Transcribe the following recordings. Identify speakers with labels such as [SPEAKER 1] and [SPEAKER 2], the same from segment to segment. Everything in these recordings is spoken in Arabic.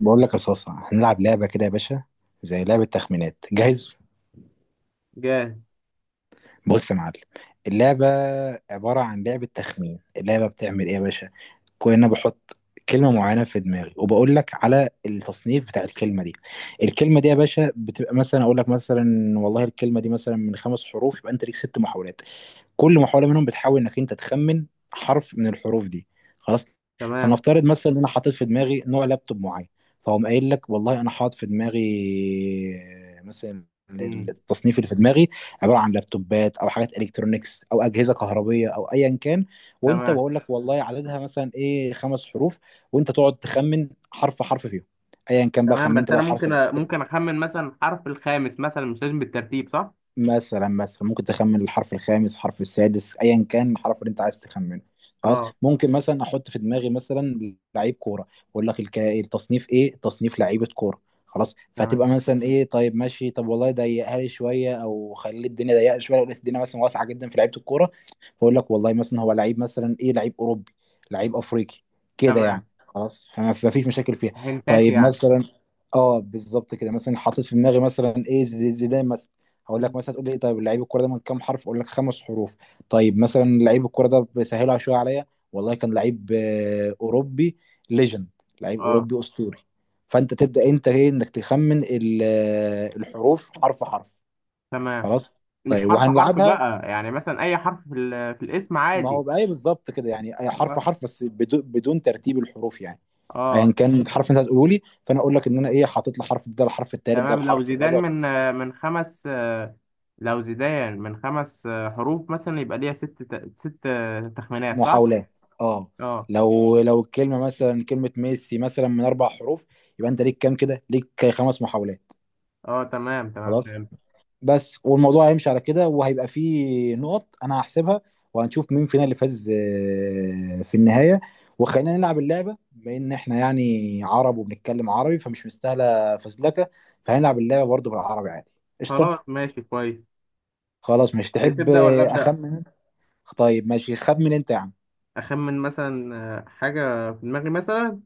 [SPEAKER 1] بقول لك يا صاصة هنلعب لعبة كده يا باشا، زي لعبة تخمينات. جاهز؟
[SPEAKER 2] جاهز.
[SPEAKER 1] بص يا معلم، اللعبة عبارة عن لعبة تخمين. اللعبة بتعمل ايه يا باشا؟ كنا بحط كلمة معينة في دماغي وبقول لك على التصنيف بتاع الكلمة دي. الكلمة دي يا باشا بتبقى مثلا، اقول لك مثلا والله الكلمة دي مثلا من خمس حروف، يبقى انت ليك ست محاولات. كل محاولة منهم بتحاول انك انت تخمن حرف من الحروف دي. خلاص.
[SPEAKER 2] تمام.
[SPEAKER 1] فنفترض مثلا ان انا حاطط في دماغي نوع لابتوب معين، فهم قايل لك والله انا حاطط في دماغي مثلا
[SPEAKER 2] مم.
[SPEAKER 1] التصنيف اللي في دماغي عباره عن لابتوبات او حاجات الكترونيكس او اجهزه كهربيه او ايا كان، وانت
[SPEAKER 2] تمام.
[SPEAKER 1] بقول لك والله عددها مثلا ايه خمس حروف، وانت تقعد تخمن حرف حرف فيهم. ايا كان بقى،
[SPEAKER 2] تمام، بس
[SPEAKER 1] خمنت
[SPEAKER 2] انا
[SPEAKER 1] بقى
[SPEAKER 2] ممكن
[SPEAKER 1] حرف
[SPEAKER 2] ممكن اخمن مثلا الحرف الخامس، مثلا مش لازم بالترتيب صح؟
[SPEAKER 1] مثلا. مثلا ممكن تخمن الحرف الخامس، حرف السادس، ايا كان الحرف اللي انت عايز تخمنه. خلاص.
[SPEAKER 2] اه
[SPEAKER 1] ممكن مثلا احط في دماغي مثلا لعيب كوره واقول لك التصنيف ايه، تصنيف لعيبه كوره. خلاص، فتبقى
[SPEAKER 2] تمام.
[SPEAKER 1] مثلا ايه، طيب ماشي، طب والله ضيقها لي شويه او خلي الدنيا ضيقه شويه. لو لقيت الدنيا مثلا واسعه جدا في لعيبه الكوره، فاقول لك والله مثلا هو لعيب مثلا ايه، لعيب اوروبي، لعيب افريقي، كده يعني.
[SPEAKER 2] تمام،
[SPEAKER 1] خلاص، فما ما فيش مشاكل فيها.
[SPEAKER 2] هنتات
[SPEAKER 1] طيب
[SPEAKER 2] يعني.
[SPEAKER 1] مثلا، اه بالظبط كده، مثلا حطيت في دماغي مثلا ايه، زيدان مثلا، هقول لك
[SPEAKER 2] مم.
[SPEAKER 1] مثلا تقول لي إيه، طيب لعيب الكوره ده من كام حرف، اقول لك خمس حروف. طيب مثلا لعيب الكوره ده بيسهلها شويه عليا، والله كان لعيب اوروبي، ليجند، لعيب
[SPEAKER 2] اه
[SPEAKER 1] اوروبي اسطوري. فانت تبدا انت ايه، انك تخمن الحروف، حرف حرف.
[SPEAKER 2] تمام.
[SPEAKER 1] خلاص.
[SPEAKER 2] مش
[SPEAKER 1] طيب
[SPEAKER 2] حرف حرف
[SPEAKER 1] وهنلعبها.
[SPEAKER 2] بقى، يعني مثلا اي حرف في الاسم
[SPEAKER 1] ما هو
[SPEAKER 2] عادي.
[SPEAKER 1] بقى إيه بالظبط كده، يعني أي حرف
[SPEAKER 2] اه.
[SPEAKER 1] حرف، بس بدون ترتيب الحروف يعني. ايا
[SPEAKER 2] اه
[SPEAKER 1] كان الحرف اللي انت هتقوله لي، فانا اقول لك ان انا ايه، حاطط له حرف، ده الحرف التالت، ده
[SPEAKER 2] تمام. لو
[SPEAKER 1] الحرف
[SPEAKER 2] زيدان
[SPEAKER 1] الرابع.
[SPEAKER 2] من خمس، لو زيدان من خمس حروف مثلا، يبقى ليها ست ست تخمينات صح؟
[SPEAKER 1] محاولات، اه.
[SPEAKER 2] اه.
[SPEAKER 1] لو لو الكلمه مثلا كلمه ميسي مثلا من اربع حروف، يبقى انت ليك كام؟ كده ليك خمس محاولات.
[SPEAKER 2] اه تمام. تمام
[SPEAKER 1] خلاص.
[SPEAKER 2] فهمت.
[SPEAKER 1] بس والموضوع هيمشي على كده، وهيبقى فيه نقط انا هحسبها، وهنشوف مين فينا اللي فاز في النهايه. وخلينا نلعب اللعبه، بما ان احنا يعني عرب وبنتكلم عربي فمش مستاهله فزلكه، فهنلعب اللعبه برضو بالعربي عادي. قشطه.
[SPEAKER 2] خلاص ماشي كويس.
[SPEAKER 1] خلاص، مش تحب
[SPEAKER 2] تبدأ ولا أبدأ؟
[SPEAKER 1] اخمن انت؟ طيب ماشي، خمن انت يا عم.
[SPEAKER 2] اخمن مثلا حاجه في دماغي مثلا.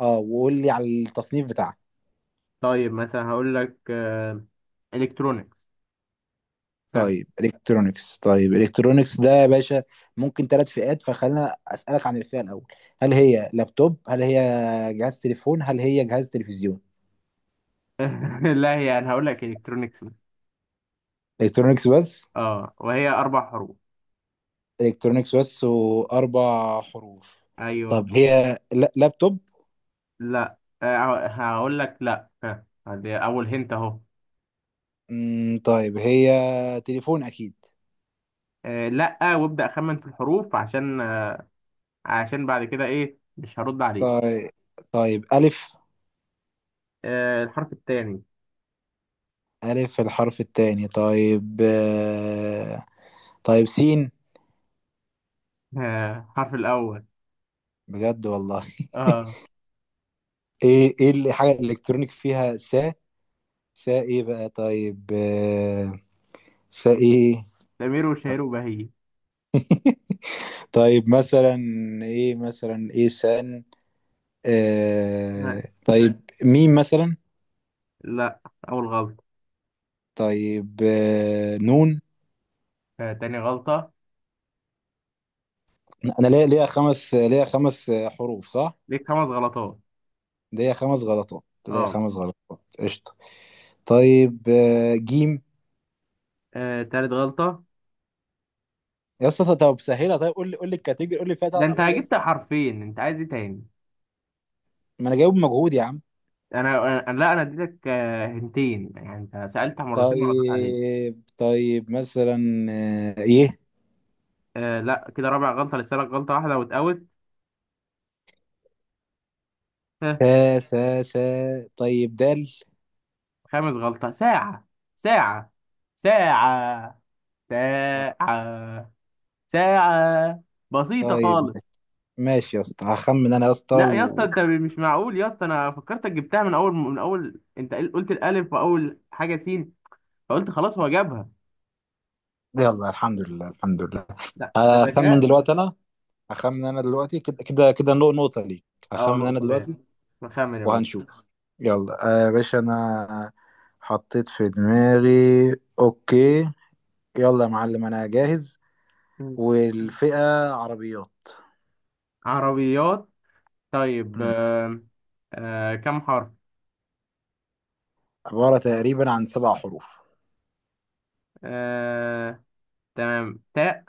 [SPEAKER 1] اه، وقول لي على التصنيف بتاعك.
[SPEAKER 2] طيب مثلا هقول لك الكترونكس. ها.
[SPEAKER 1] طيب الكترونكس. طيب الكترونكس ده يا باشا ممكن ثلاث فئات، فخلينا اسالك عن الفئه الاول، هل هي لابتوب، هل هي جهاز تليفون، هل هي جهاز تلفزيون.
[SPEAKER 2] لا، هي انا هقول لك الكترونكس مثلا.
[SPEAKER 1] الكترونكس بس.
[SPEAKER 2] اه، وهي اربع حروف.
[SPEAKER 1] الكترونكس بس واربع حروف. طب
[SPEAKER 2] ايوه.
[SPEAKER 1] هي لابتوب؟
[SPEAKER 2] لا، هقول لك لا. ها، دي اول هنت اهو.
[SPEAKER 1] مم، طيب هي تليفون اكيد.
[SPEAKER 2] لا وابدا اخمن في الحروف، عشان عشان بعد كده ايه، مش هرد عليه.
[SPEAKER 1] طيب طيب، الف.
[SPEAKER 2] الحرف الثاني.
[SPEAKER 1] الف الحرف الثاني؟ طيب طيب سين.
[SPEAKER 2] الحرف الاول.
[SPEAKER 1] بجد والله؟
[SPEAKER 2] اه.
[SPEAKER 1] ايه ايه الحاجه الالكترونيك فيها س؟ ساقي بقى. طيب ساقي.
[SPEAKER 2] سمير
[SPEAKER 1] طيب،
[SPEAKER 2] وشهير وبهية.
[SPEAKER 1] طيب، مثلا ايه، مثلا ايه، سان.
[SPEAKER 2] آه،
[SPEAKER 1] آه طيب، ميم مثلا.
[SPEAKER 2] لا، اول غلطه.
[SPEAKER 1] طيب نون.
[SPEAKER 2] تاني غلطه.
[SPEAKER 1] انا ليا، ليا خمس حروف صح؟
[SPEAKER 2] ليك خمس غلطات.
[SPEAKER 1] ليا خمس غلطات، ليا
[SPEAKER 2] اه.
[SPEAKER 1] خمس غلطات، قشطه. طيب جيم.
[SPEAKER 2] تالت غلطة.
[SPEAKER 1] يا اسطى طب سهلها، طيب قول لي قول لي الكاتيجوري، قول لي فيها
[SPEAKER 2] ده انت
[SPEAKER 1] بتاعته ايه يا
[SPEAKER 2] جبت
[SPEAKER 1] اسطى.
[SPEAKER 2] حرفين، انت عايز ايه تاني؟
[SPEAKER 1] ما انا جايب مجهود يا عم.
[SPEAKER 2] انا انا لا، انا اديتك هنتين يعني، انت سألت مرتين ما ردت عليك.
[SPEAKER 1] طيب طيب مثلا، ي.
[SPEAKER 2] آه لا، كده رابع غلطة، لسه لك غلطة واحدة وتقوت. ها.
[SPEAKER 1] سا. طيب دال.
[SPEAKER 2] خامس غلطة. ساعة. ساعة. ساعة.
[SPEAKER 1] آه،
[SPEAKER 2] ساعة. ساعة. بسيطة
[SPEAKER 1] طيب
[SPEAKER 2] خالص.
[SPEAKER 1] ماشي يا اسطى، هخمن انا يا اسطى
[SPEAKER 2] لا يا اسطى،
[SPEAKER 1] و...
[SPEAKER 2] انت مش معقول يا اسطى، انا فكرتك جبتها من اول، انت قلت الالف واول حاجة سين، فقلت خلاص هو جابها.
[SPEAKER 1] يلا، الحمد لله الحمد لله.
[SPEAKER 2] لا، ده
[SPEAKER 1] هخمن
[SPEAKER 2] ذكاء.
[SPEAKER 1] دلوقتي انا. هخمن انا دلوقتي كده كده كده، نقطة ليك.
[SPEAKER 2] اه،
[SPEAKER 1] هخمن انا
[SPEAKER 2] نقطة ليه.
[SPEAKER 1] دلوقتي
[SPEAKER 2] نخمن يا باشا.
[SPEAKER 1] وهنشوف. يلا يا باشا، انا حطيت في دماغي، اوكي. يلا يا معلم انا جاهز.
[SPEAKER 2] مم.
[SPEAKER 1] والفئة عربيات.
[SPEAKER 2] عربيات. طيب
[SPEAKER 1] مم.
[SPEAKER 2] آه. آه كم حرف؟
[SPEAKER 1] عبارة تقريبا عن سبع حروف.
[SPEAKER 2] آه تمام، تاء.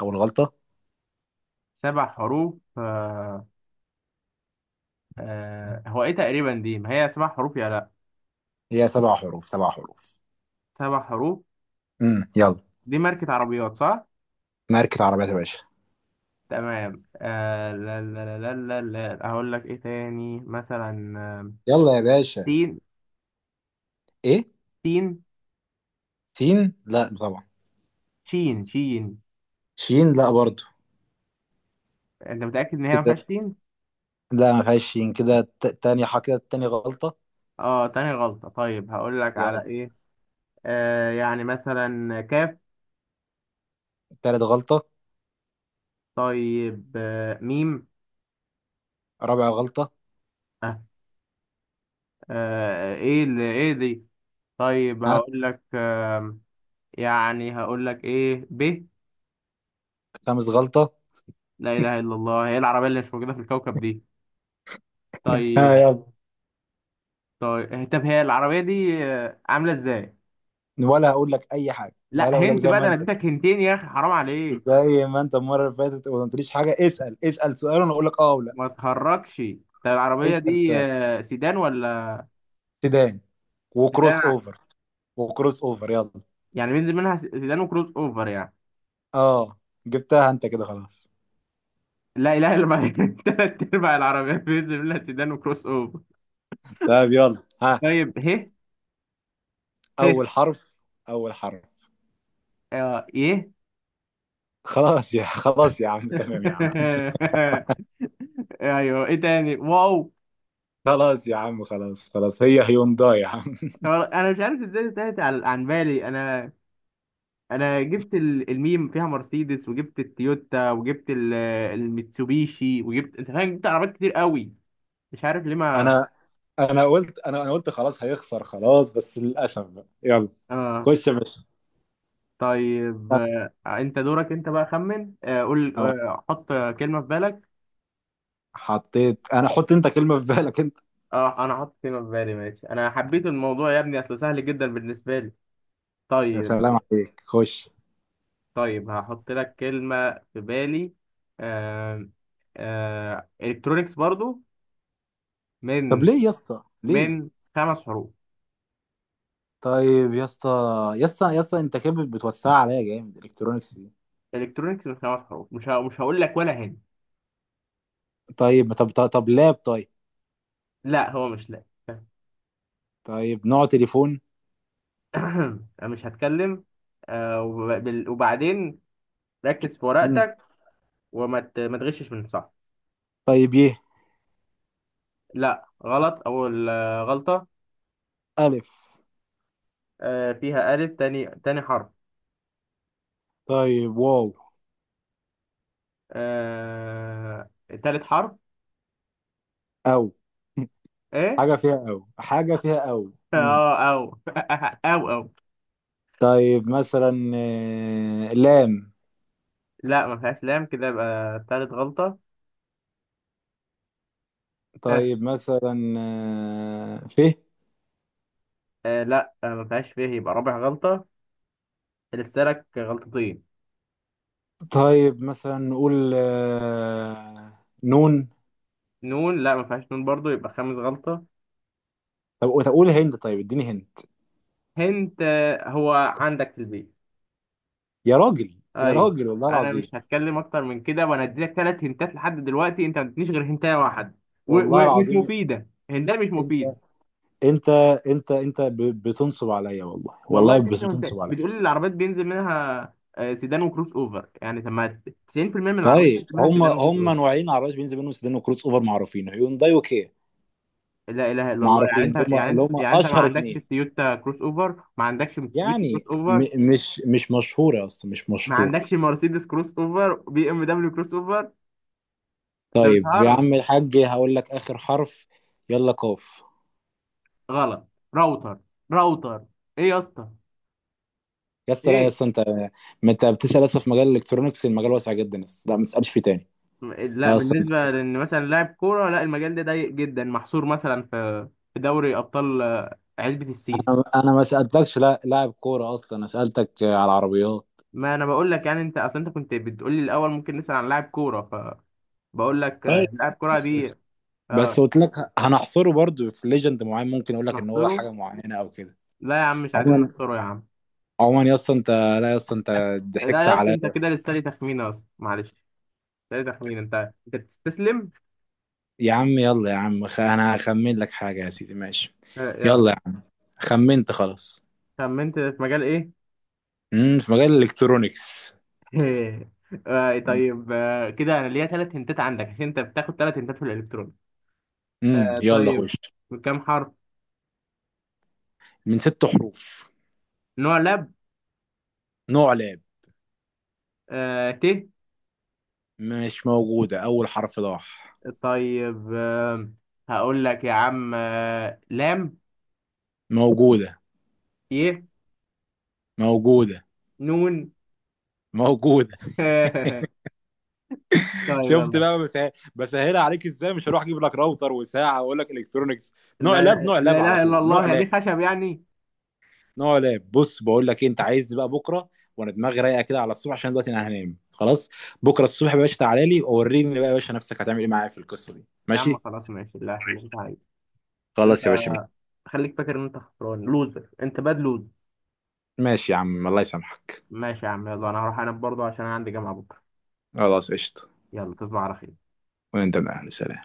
[SPEAKER 1] او الغلطة.
[SPEAKER 2] سبع حروف آه. آه، هو ايه تقريبا دي، ما هي سبع حروف يا لا؟
[SPEAKER 1] هي سبع حروف، سبع حروف.
[SPEAKER 2] سبع حروف.
[SPEAKER 1] يلا.
[SPEAKER 2] دي ماركة عربيات صح؟
[SPEAKER 1] ماركة عربيات يا باشا.
[SPEAKER 2] تمام آه. لا لا لا لا لا لا. اقول لك ايه تاني، مثلا
[SPEAKER 1] يلا يا باشا.
[SPEAKER 2] تين.
[SPEAKER 1] ايه،
[SPEAKER 2] تين.
[SPEAKER 1] سين؟ لا طبعا.
[SPEAKER 2] شين. شين.
[SPEAKER 1] شين؟ لا برضو
[SPEAKER 2] انت متأكد ان هي ما فيهاش
[SPEAKER 1] كده.
[SPEAKER 2] تين؟
[SPEAKER 1] لا ما فيهاش شين كده، تاني حاجة، كده تاني غلطة.
[SPEAKER 2] اه، تاني غلطة. طيب هقول لك على
[SPEAKER 1] يلا.
[SPEAKER 2] ايه، يعني مثلا كاف.
[SPEAKER 1] تالت غلطة.
[SPEAKER 2] طيب آه، ميم.
[SPEAKER 1] رابع غلطة.
[SPEAKER 2] آه، ايه اللي ايه دي؟ طيب
[SPEAKER 1] ها.
[SPEAKER 2] هقول لك يعني هقول لك ايه، ب.
[SPEAKER 1] خامس غلطة.
[SPEAKER 2] لا اله الا الله، هي العربيه اللي مش موجوده في الكوكب دي.
[SPEAKER 1] ها
[SPEAKER 2] طيب.
[SPEAKER 1] يلا.
[SPEAKER 2] طيب طب هي العربيه دي عامله ازاي؟
[SPEAKER 1] ولا هقول لك اي حاجة
[SPEAKER 2] لا،
[SPEAKER 1] ولا هقول لك؟
[SPEAKER 2] هنت
[SPEAKER 1] زي
[SPEAKER 2] بقى، ده
[SPEAKER 1] ما
[SPEAKER 2] انا
[SPEAKER 1] انت،
[SPEAKER 2] اديتك هنتين يا اخي، حرام عليك.
[SPEAKER 1] زي ما انت المرة اللي فاتت وما قلتليش حاجة، اسأل، اسأل سؤال وانا اقول لك اه ولا.
[SPEAKER 2] ما تهركش. طب العربيه
[SPEAKER 1] اسأل
[SPEAKER 2] دي
[SPEAKER 1] سؤال.
[SPEAKER 2] سيدان ولا؟
[SPEAKER 1] سيدان
[SPEAKER 2] سيدان
[SPEAKER 1] وكروس
[SPEAKER 2] ع-
[SPEAKER 1] اوفر. وكروس اوفر، يلا.
[SPEAKER 2] يعني بينزل منها سيدان وكروس اوفر يعني.
[SPEAKER 1] اه، جبتها انت كده خلاص.
[SPEAKER 2] لا اله الا الله. تلات ارباع العربيات بينزل منها سيدان وكروس اوفر.
[SPEAKER 1] طيب يلا، ها.
[SPEAKER 2] طيب ه. ه.
[SPEAKER 1] اول حرف. اول حرف.
[SPEAKER 2] اه، يه.
[SPEAKER 1] خلاص يا خلاص يا عم، تمام يا عم.
[SPEAKER 2] ايوه، ايه تاني، واو.
[SPEAKER 1] خلاص يا عم، خلاص خلاص، هي هيونداي يا عم.
[SPEAKER 2] انا مش عارف ازاي انتهت عن بالي انا. انا جبت الميم فيها مرسيدس، وجبت التويوتا، وجبت الميتسوبيشي، وجبت، انت فاهم، جبت عربيات كتير قوي، مش عارف ليه ما.
[SPEAKER 1] انا، انا قلت خلاص هيخسر خلاص، بس للاسف بقى يلا.
[SPEAKER 2] اه.
[SPEAKER 1] خش يا باشا.
[SPEAKER 2] طيب انت دورك انت بقى، خمن، قول،
[SPEAKER 1] آه،
[SPEAKER 2] حط كلمة في بالك.
[SPEAKER 1] حطيت انا، حط انت كلمة في بالك انت.
[SPEAKER 2] اه، انا حط كلمة في بالي، ماشي، انا حبيت الموضوع يا ابني، اصل سهل جدا بالنسبة لي.
[SPEAKER 1] يا سلام
[SPEAKER 2] طيب.
[SPEAKER 1] عليك، خش.
[SPEAKER 2] طيب هحط لك كلمة في بالي. آه. آه، الكترونيكس برضو.
[SPEAKER 1] طب
[SPEAKER 2] من
[SPEAKER 1] ليه يا اسطى، ليه؟
[SPEAKER 2] من خمس حروف.
[SPEAKER 1] طيب يا اسطى، يا اسطى يا اسطى، انت كده بتوسع عليا جامد، الكترونكس دي.
[SPEAKER 2] الكترونيكس من خمس حروف، مش هقول لك ولا هنا.
[SPEAKER 1] طيب طب لاب؟ طيب،
[SPEAKER 2] لا، هو مش لا.
[SPEAKER 1] طيب نوع تليفون؟
[SPEAKER 2] أنا مش هتكلم. آه وبعدين ركز في
[SPEAKER 1] مم.
[SPEAKER 2] ورقتك، ما تغشش من صح.
[SPEAKER 1] طيب يه.
[SPEAKER 2] لا غلط، اول غلطة.
[SPEAKER 1] الف.
[SPEAKER 2] آه فيها ألف، تاني تاني حرف.
[SPEAKER 1] طيب واو.
[SPEAKER 2] آه، تالت حرف.
[SPEAKER 1] او.
[SPEAKER 2] ايه؟
[SPEAKER 1] حاجة فيها أو، حاجة فيها أو. مم.
[SPEAKER 2] اه، او. او او.
[SPEAKER 1] طيب مثلا لام.
[SPEAKER 2] لا ما فيهاش لام، كده يبقى تالت غلطة. ها.
[SPEAKER 1] طيب مثلا ف.
[SPEAKER 2] آه لا، آه ما فيهاش فيه، يبقى رابع غلطة، لسه لك غلطتين.
[SPEAKER 1] طيب مثلا نقول نون.
[SPEAKER 2] نون. لا ما فيهاش نون برضو، يبقى خامس غلطة.
[SPEAKER 1] طب طب قول، هند، طيب اديني هند.
[SPEAKER 2] هنت آه، هو عندك في البيت؟
[SPEAKER 1] يا راجل يا
[SPEAKER 2] أيوه.
[SPEAKER 1] راجل والله
[SPEAKER 2] أنا مش
[SPEAKER 1] العظيم.
[SPEAKER 2] هتكلم أكتر من كده، وأنا أديلك تلات هنتات، لحد دلوقتي أنت ما ادتنيش غير هنتاية واحد،
[SPEAKER 1] والله
[SPEAKER 2] ومش
[SPEAKER 1] العظيم،
[SPEAKER 2] مفيدة، هنتاية مش
[SPEAKER 1] انت،
[SPEAKER 2] مفيدة.
[SPEAKER 1] انت، انت بتنصب عليا، والله
[SPEAKER 2] والله
[SPEAKER 1] والله، بس
[SPEAKER 2] اديتني هنتاية
[SPEAKER 1] بتنصب عليا.
[SPEAKER 2] بتقول لي العربيات بينزل منها سيدان وكروس أوفر، يعني طب ما 90% من العربيات
[SPEAKER 1] طيب،
[SPEAKER 2] بينزل منها
[SPEAKER 1] هم
[SPEAKER 2] سيدان
[SPEAKER 1] هم
[SPEAKER 2] وكروس.
[SPEAKER 1] نوعين عربيات بنز منهم سيدان وكروس اوفر معروفين، هيونداي وكيا.
[SPEAKER 2] لا اله الا الله، يعني
[SPEAKER 1] معروفين، اللي هم اللي هم
[SPEAKER 2] انت ما
[SPEAKER 1] اشهر
[SPEAKER 2] عندكش
[SPEAKER 1] اتنين.
[SPEAKER 2] تويوتا كروس اوفر، ما عندكش موتسوبيشي كروس
[SPEAKER 1] يعني
[SPEAKER 2] اوفر،
[SPEAKER 1] مش مش مشهورة أصلا، مش
[SPEAKER 2] ما
[SPEAKER 1] مشهورة.
[SPEAKER 2] عندكش مرسيدس كروس اوفر، بي ام دبليو كروس اوفر، ده
[SPEAKER 1] طيب يا
[SPEAKER 2] بتهرج.
[SPEAKER 1] عم الحاج هقول لك آخر حرف، يلا. قاف.
[SPEAKER 2] غلط. راوتر. راوتر. ايه يا اسطى؟
[SPEAKER 1] يس، لا
[SPEAKER 2] ايه؟
[SPEAKER 1] يس، أنت. ما أنت بتسأل لسه في مجال الإلكترونيكس، المجال واسع جدا. يس، لا ما تسألش فيه تاني.
[SPEAKER 2] لا،
[SPEAKER 1] لا أصلا أنت،
[SPEAKER 2] بالنسبه لان مثلا لاعب كوره، لا المجال ده ضيق جدا، محصور مثلا في دوري ابطال عزبه السيسي.
[SPEAKER 1] أنا، أنا ما سألتكش لا لاعب كورة أصلا، أنا سألتك على العربيات.
[SPEAKER 2] ما انا بقول لك، يعني انت كنت بتقول لي الاول ممكن نسال عن لاعب كوره، فبقول لك
[SPEAKER 1] طيب،
[SPEAKER 2] لاعب كوره
[SPEAKER 1] بس
[SPEAKER 2] دي.
[SPEAKER 1] بس بس
[SPEAKER 2] اه.
[SPEAKER 1] قلت لك، هنحصره برضو في ليجند معين، ممكن أقول لك إن هو
[SPEAKER 2] نحصره؟
[SPEAKER 1] حاجة معينة أو كده.
[SPEAKER 2] لا يا عم، مش عايزين
[SPEAKER 1] عموما،
[SPEAKER 2] نحصره يا عم.
[SPEAKER 1] عموما يس أنت. لا يس أنت.
[SPEAKER 2] لا
[SPEAKER 1] ضحكت
[SPEAKER 2] يا اسطى،
[SPEAKER 1] عليا.
[SPEAKER 2] انت كده لسه لي تخمينه يا اسطى، معلش، لسه لي تخمينه، انت بتستسلم.
[SPEAKER 1] يا عم يلا يا عم، انا هخمن لك حاجة يا سيدي، ماشي؟
[SPEAKER 2] يلا.
[SPEAKER 1] يلا يا عم. خمنت، خلاص.
[SPEAKER 2] خمنت في مجال ايه؟
[SPEAKER 1] امم، في مجال الالكترونيكس. امم.
[SPEAKER 2] طيب، كده انا ليا ثلاث هنتات عندك عشان انت بتاخد ثلاث هنتات في الالكترون.
[SPEAKER 1] أمم، يلا
[SPEAKER 2] طيب.
[SPEAKER 1] خش.
[SPEAKER 2] بكام حرف؟
[SPEAKER 1] من ست حروف.
[SPEAKER 2] نوع لاب.
[SPEAKER 1] نوع لاب.
[SPEAKER 2] آه، ت.
[SPEAKER 1] مش موجودة. أول حرف ضاح.
[SPEAKER 2] طيب آه. هقول لك يا عم، آه، لام.
[SPEAKER 1] موجودة.
[SPEAKER 2] ي.
[SPEAKER 1] موجودة.
[SPEAKER 2] نون.
[SPEAKER 1] موجودة.
[SPEAKER 2] طيب
[SPEAKER 1] شفت
[SPEAKER 2] يلا.
[SPEAKER 1] بقى؟ بس بسهلها عليك ازاي، مش هروح اجيب لك راوتر وساعة واقول لك الكترونيكس. نوع
[SPEAKER 2] لا
[SPEAKER 1] لاب،
[SPEAKER 2] لا،
[SPEAKER 1] نوع
[SPEAKER 2] لا
[SPEAKER 1] لاب، على
[SPEAKER 2] اله الا
[SPEAKER 1] طول نوع
[SPEAKER 2] الله، هي
[SPEAKER 1] لاب.
[SPEAKER 2] دي خشب يعني.
[SPEAKER 1] نوع لعب. بص بقول لك إيه، انت عايز بقى بكره وانا دماغي رايقه كده على الصبح، عشان دلوقتي انا هنام خلاص. بكره الصبح يا باشا تعالى لي ووريني بقى يا باشا، نفسك هتعمل ايه معايا في القصه دي،
[SPEAKER 2] يا عم
[SPEAKER 1] ماشي؟
[SPEAKER 2] خلاص ماشي، لا اللي انت عايزه، بس انت
[SPEAKER 1] خلاص يا باشا.
[SPEAKER 2] خليك فاكر ان انت خسران، لوزر، انت باد لوز.
[SPEAKER 1] ماشي يا عم، الله يسامحك.
[SPEAKER 2] ماشي يا عم، يلا انا هروح انام برضه عشان انا عندي جامعة بكرة.
[SPEAKER 1] خلاص قشطه.
[SPEAKER 2] يلا تصبح على خير.
[SPEAKER 1] وانت من اهل سلام.